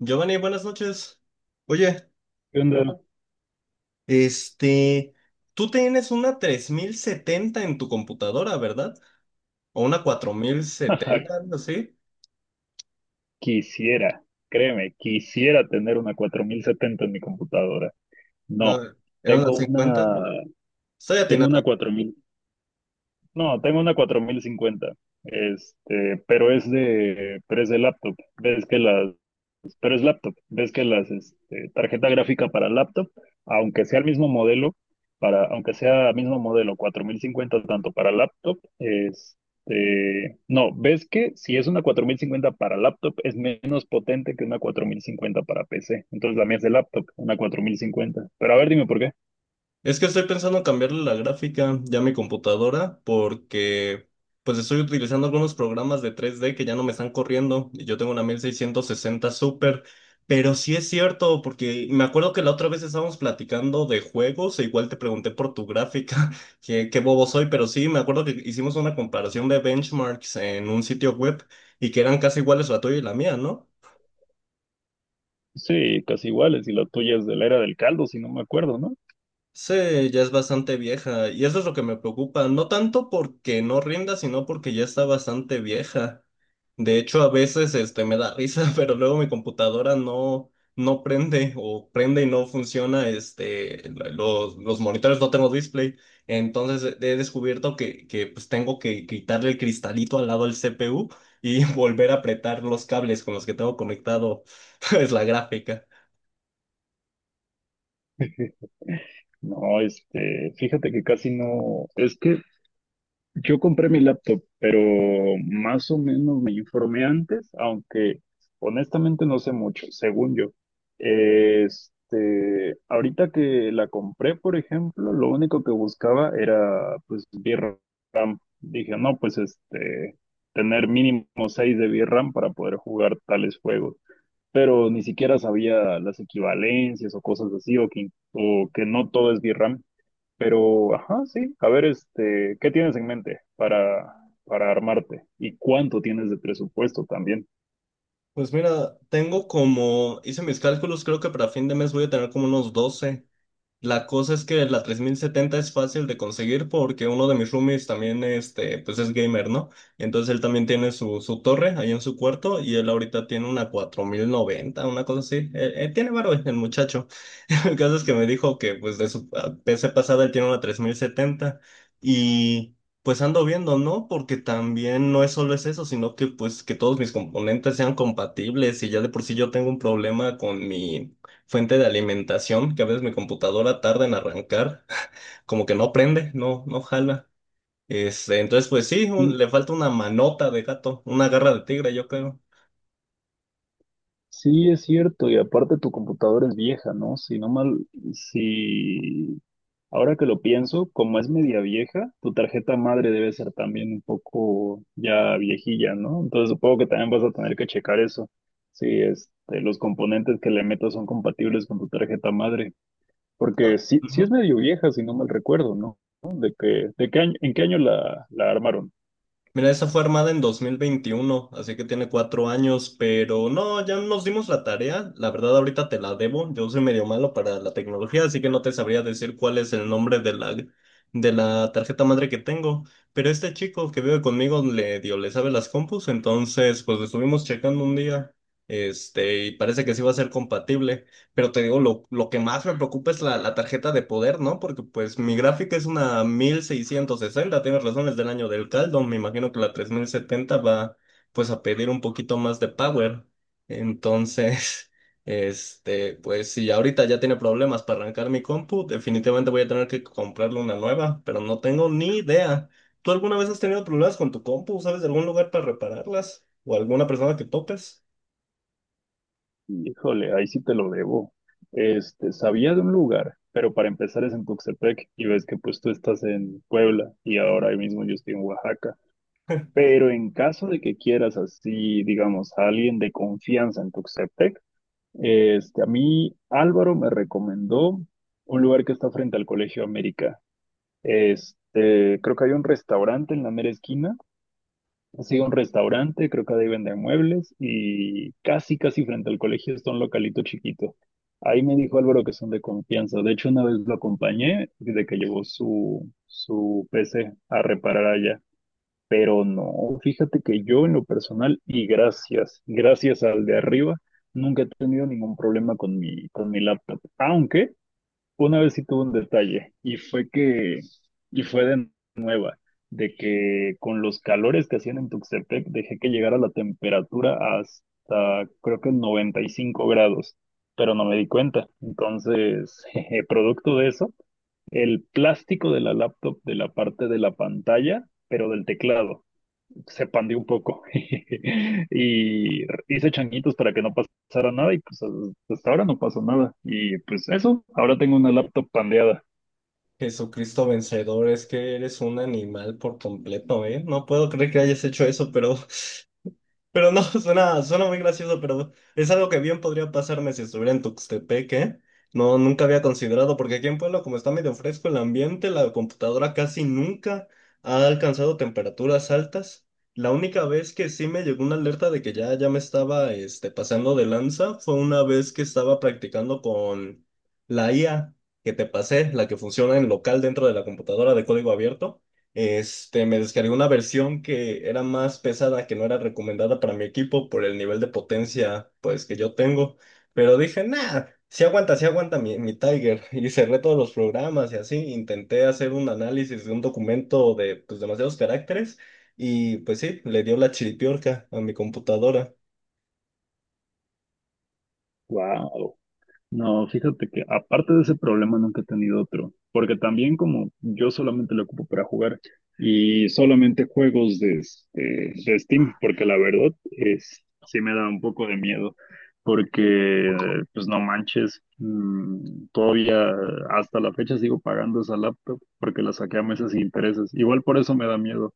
Giovanni, buenas noches. Oye, ¿Qué onda? este, tú tienes una 3070 en tu computadora, ¿verdad? O una 4070, algo así. Quisiera, créeme, quisiera tener una 4070 en mi computadora. No, No, era una tengo 50. una, Estoy tengo una atinando. 4000, no, tengo una 4050, pero es de laptop. Ves que las pero es laptop. Ves que las este, tarjeta gráfica para laptop, aunque sea el mismo modelo, aunque sea el mismo modelo, 4050 tanto para laptop, no, ves que si es una 4050 para laptop es menos potente que una 4050 para PC. Entonces la mía es de laptop, una 4050. Pero a ver, dime por qué. Es que estoy pensando en cambiarle la gráfica ya a mi computadora porque pues estoy utilizando algunos programas de 3D que ya no me están corriendo y yo tengo una 1660 Super, pero sí es cierto porque me acuerdo que la otra vez estábamos platicando de juegos e igual te pregunté por tu gráfica, que qué bobo soy, pero sí me acuerdo que hicimos una comparación de benchmarks en un sitio web y que eran casi iguales la tuya y la mía, ¿no? Sí, casi iguales, y la tuya es de la era del caldo, si no me acuerdo, ¿no? Sí, ya es bastante vieja y eso es lo que me preocupa, no tanto porque no rinda, sino porque ya está bastante vieja. De hecho, a veces me da risa, pero luego mi computadora no prende o prende y no funciona, los monitores no tengo display, entonces he descubierto que pues tengo que quitarle el cristalito al lado del CPU y volver a apretar los cables con los que tengo conectado es la gráfica. No, fíjate que casi no, es que yo compré mi laptop, pero más o menos me informé antes, aunque honestamente no sé mucho, según yo. Ahorita que la compré, por ejemplo, lo único que buscaba era pues VRAM. Dije, no, pues tener mínimo 6 de VRAM para poder jugar tales juegos. Pero ni siquiera sabía las equivalencias o cosas así, o que no todo es VRAM. Pero, ajá, sí. A ver, ¿qué tienes en mente para armarte? ¿Y cuánto tienes de presupuesto también? Pues mira, tengo como, hice mis cálculos, creo que para fin de mes voy a tener como unos 12. La cosa es que la 3070 es fácil de conseguir porque uno de mis roomies también pues es gamer, ¿no? Entonces él también tiene su torre ahí en su cuarto y él ahorita tiene una 4090 una cosa así. Tiene varo el muchacho. El caso es que me dijo que pues de su PC pasada él tiene una 3070 y pues ando viendo, ¿no? Porque también no es solo es eso, sino que pues que todos mis componentes sean compatibles y ya de por sí yo tengo un problema con mi fuente de alimentación, que a veces mi computadora tarda en arrancar, como que no prende, no, no jala. Entonces, pues sí, Sí, le falta una manota de gato, una garra de tigre, yo creo. sí, es cierto. Y aparte tu computadora es vieja, ¿no? Si no mal, si ahora que lo pienso, como es media vieja, tu tarjeta madre debe ser también un poco ya viejilla, ¿no? Entonces supongo que también vas a tener que checar eso. Si los componentes que le metas son compatibles con tu tarjeta madre. No, Porque sí, sí es medio vieja, si no mal recuerdo, ¿no? ¿No? ¿De qué año, en qué año la armaron? mira, esa fue armada en 2021, así que tiene 4 años, pero no, ya nos dimos la tarea. La verdad, ahorita te la debo. Yo soy medio malo para la tecnología, así que no te sabría decir cuál es el nombre de la tarjeta madre que tengo. Pero este chico que vive conmigo le sabe las compus, entonces pues lo estuvimos checando un día, y parece que sí va a ser compatible. Pero te digo, lo que más me preocupa es la tarjeta de poder, ¿no? Porque pues mi gráfica es una 1660, tienes razón, es del año del caldo. Me imagino que la 3070 va pues a pedir un poquito más de power. Entonces, pues si ahorita ya tiene problemas para arrancar mi compu, definitivamente voy a tener que comprarle una nueva, pero no tengo ni idea. ¿Tú alguna vez has tenido problemas con tu compu? ¿Sabes de algún lugar para repararlas? ¿O alguna persona que topes? Híjole, ahí sí te lo debo. Sabía de un lugar, pero para empezar es en Tuxtepec y ves que pues tú estás en Puebla y ahora ahí mismo yo estoy en Oaxaca. Pero en caso de que quieras así, digamos, a alguien de confianza en Tuxtepec, a mí Álvaro me recomendó un lugar que está frente al Colegio América. Creo que hay un restaurante en la mera esquina. Sí, un restaurante, creo que ahí venden muebles y casi, casi frente al colegio está un localito chiquito. Ahí me dijo Álvaro que son de confianza. De hecho, una vez lo acompañé desde que llevó su PC a reparar allá. Pero no, fíjate que yo en lo personal y gracias, gracias al de arriba, nunca he tenido ningún problema con mi laptop. Aunque una vez sí tuve un detalle y fue de nueva, de que con los calores que hacían en Tuxtepec dejé que llegara la temperatura hasta creo que 95 grados, pero no me di cuenta. Entonces, jeje, producto de eso, el plástico de la laptop de la parte de la pantalla, pero del teclado, se pandió un poco y hice changuitos para que no pasara nada y pues hasta ahora no pasó nada. Y pues eso, ahora tengo una laptop pandeada. Jesucristo vencedor, es que eres un animal por completo, ¿eh? No puedo creer que hayas hecho eso, pero no, suena, suena muy gracioso, pero es algo que bien podría pasarme si estuviera en Tuxtepec, ¿eh? No, nunca había considerado, porque aquí en Puebla, como está medio fresco el ambiente, la computadora casi nunca ha alcanzado temperaturas altas. La única vez que sí me llegó una alerta de que ya, ya me estaba pasando de lanza fue una vez que estaba practicando con la IA que te pasé, la que funciona en local dentro de la computadora de código abierto. Me descargué una versión que era más pesada, que no era recomendada para mi equipo por el nivel de potencia, pues, que yo tengo. Pero dije, nada, si aguanta, si aguanta mi Tiger. Y cerré todos los programas y así. Intenté hacer un análisis de un documento de, pues, demasiados caracteres. Y, pues, sí, le dio la chiripiorca a mi computadora. Wow. No, fíjate que aparte de ese problema nunca he tenido otro, porque también como yo solamente lo ocupo para jugar y solamente juegos de Steam, porque la verdad es, sí me da un poco de miedo, porque pues no manches, todavía hasta la fecha sigo pagando esa laptop porque la saqué a meses sin intereses, igual por eso me da miedo.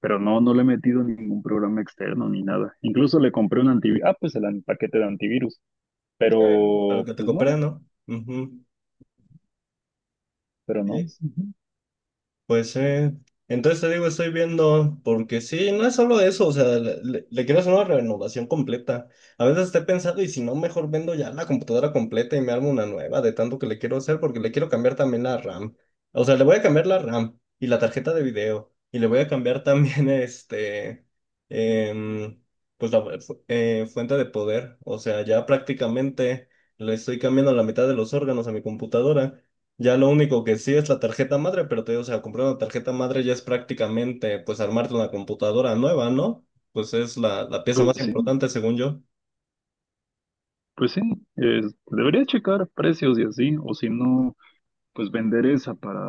Pero no, no le he metido ningún programa externo ni nada. Incluso le compré un antivirus. Ah, pues el paquete de antivirus. Bueno. Pero, Para que te pues coopera, no, ¿no? Ujú. pero no. Sí. Ujú. Pues sí, entonces te digo, estoy viendo, porque sí, no es solo eso, o sea, le quiero hacer una renovación completa. A veces estoy pensando y si no, mejor vendo ya la computadora completa y me armo una nueva de tanto que le quiero hacer, porque le quiero cambiar también la RAM. O sea, le voy a cambiar la RAM y la tarjeta de video, y le voy a cambiar también em, pues la fuente de poder. O sea, ya prácticamente le estoy cambiando la mitad de los órganos a mi computadora. Ya lo único que sí es la tarjeta madre, pero te digo, o sea, comprar una tarjeta madre ya es prácticamente, pues, armarte una computadora nueva, ¿no? Pues es la pieza Pues más sí, importante, según yo. pues sí, debería checar precios y así, o si no, pues vender esa para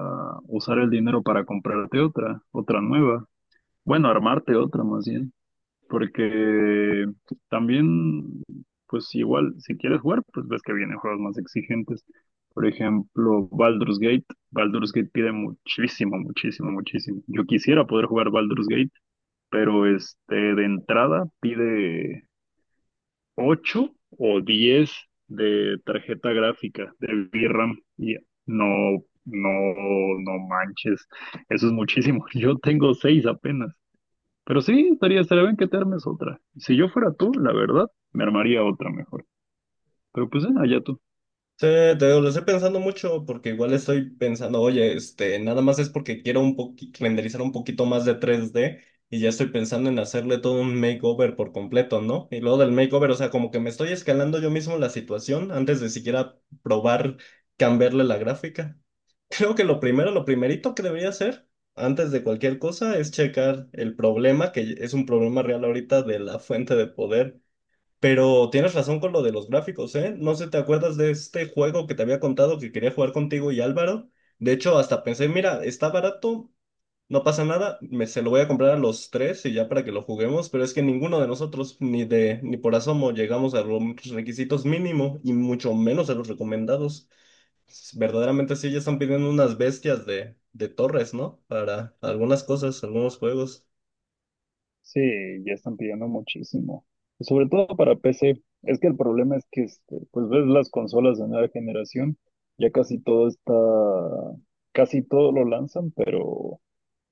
usar el dinero para comprarte otra nueva. Bueno, armarte otra más bien, porque también, pues igual, si quieres jugar, pues ves que vienen juegos más exigentes. Por ejemplo, Baldur's Gate. Baldur's Gate pide muchísimo, muchísimo, muchísimo. Yo quisiera poder jugar Baldur's Gate, pero de entrada pide 8 o 10 de tarjeta gráfica de VRAM y no, no, no manches, eso es muchísimo. Yo tengo 6 apenas, pero sí, estaría, estaría bien que te armes otra. Si yo fuera tú, la verdad, me armaría otra mejor. Pero pues, allá tú. Sí, te digo, lo estoy pensando mucho porque igual estoy pensando, oye, nada más es porque quiero renderizar un poquito más de 3D y ya estoy pensando en hacerle todo un makeover por completo, ¿no? Y luego del makeover, o sea, como que me estoy escalando yo mismo la situación antes de siquiera probar cambiarle la gráfica. Creo que lo primero, lo primerito que debería hacer antes de cualquier cosa es checar el problema, que es un problema real ahorita de la fuente de poder. Pero tienes razón con lo de los gráficos, ¿eh? No sé, ¿te acuerdas de este juego que te había contado que quería jugar contigo y Álvaro? De hecho, hasta pensé, mira, está barato, no pasa nada, se lo voy a comprar a los tres y ya para que lo juguemos, pero es que ninguno de nosotros, ni por asomo, llegamos a los requisitos mínimo y mucho menos a los recomendados. Verdaderamente sí, ya están pidiendo unas bestias de torres, ¿no? Para algunas cosas, algunos juegos. Sí, ya están pidiendo muchísimo. Sobre todo para PC. Es que el problema es que, pues ves las consolas de nueva generación, ya casi todo está, casi todo lo lanzan, pero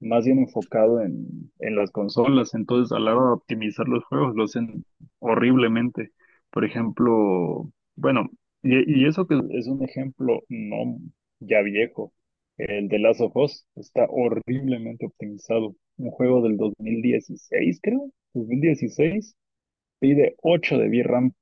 más bien enfocado en las consolas. Entonces, a la hora de optimizar los juegos, lo hacen horriblemente. Por ejemplo, bueno, y eso que es un ejemplo no ya viejo, el de Last of Us está horriblemente optimizado. Un juego del 2016, creo. 2016 pide 8 de VRAM.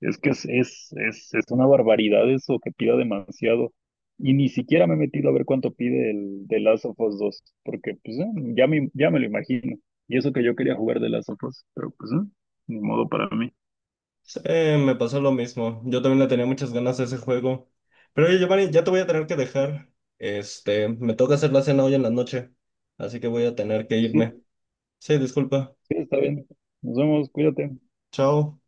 Es que es una barbaridad eso que pida demasiado. Y ni siquiera me he metido a ver cuánto pide el de Last of Us 2, porque pues ya me lo imagino. Y eso que yo quería jugar de Last of Us, pero pues ni modo para mí. Sí, me pasó lo mismo. Yo también le tenía muchas ganas a ese juego. Pero oye, Giovanni, ya te voy a tener que dejar. Me toca hacer la cena hoy en la noche, así que voy a tener que irme. Sí, Sí, disculpa. sí, está bien. Nos vemos, cuídate. Chao.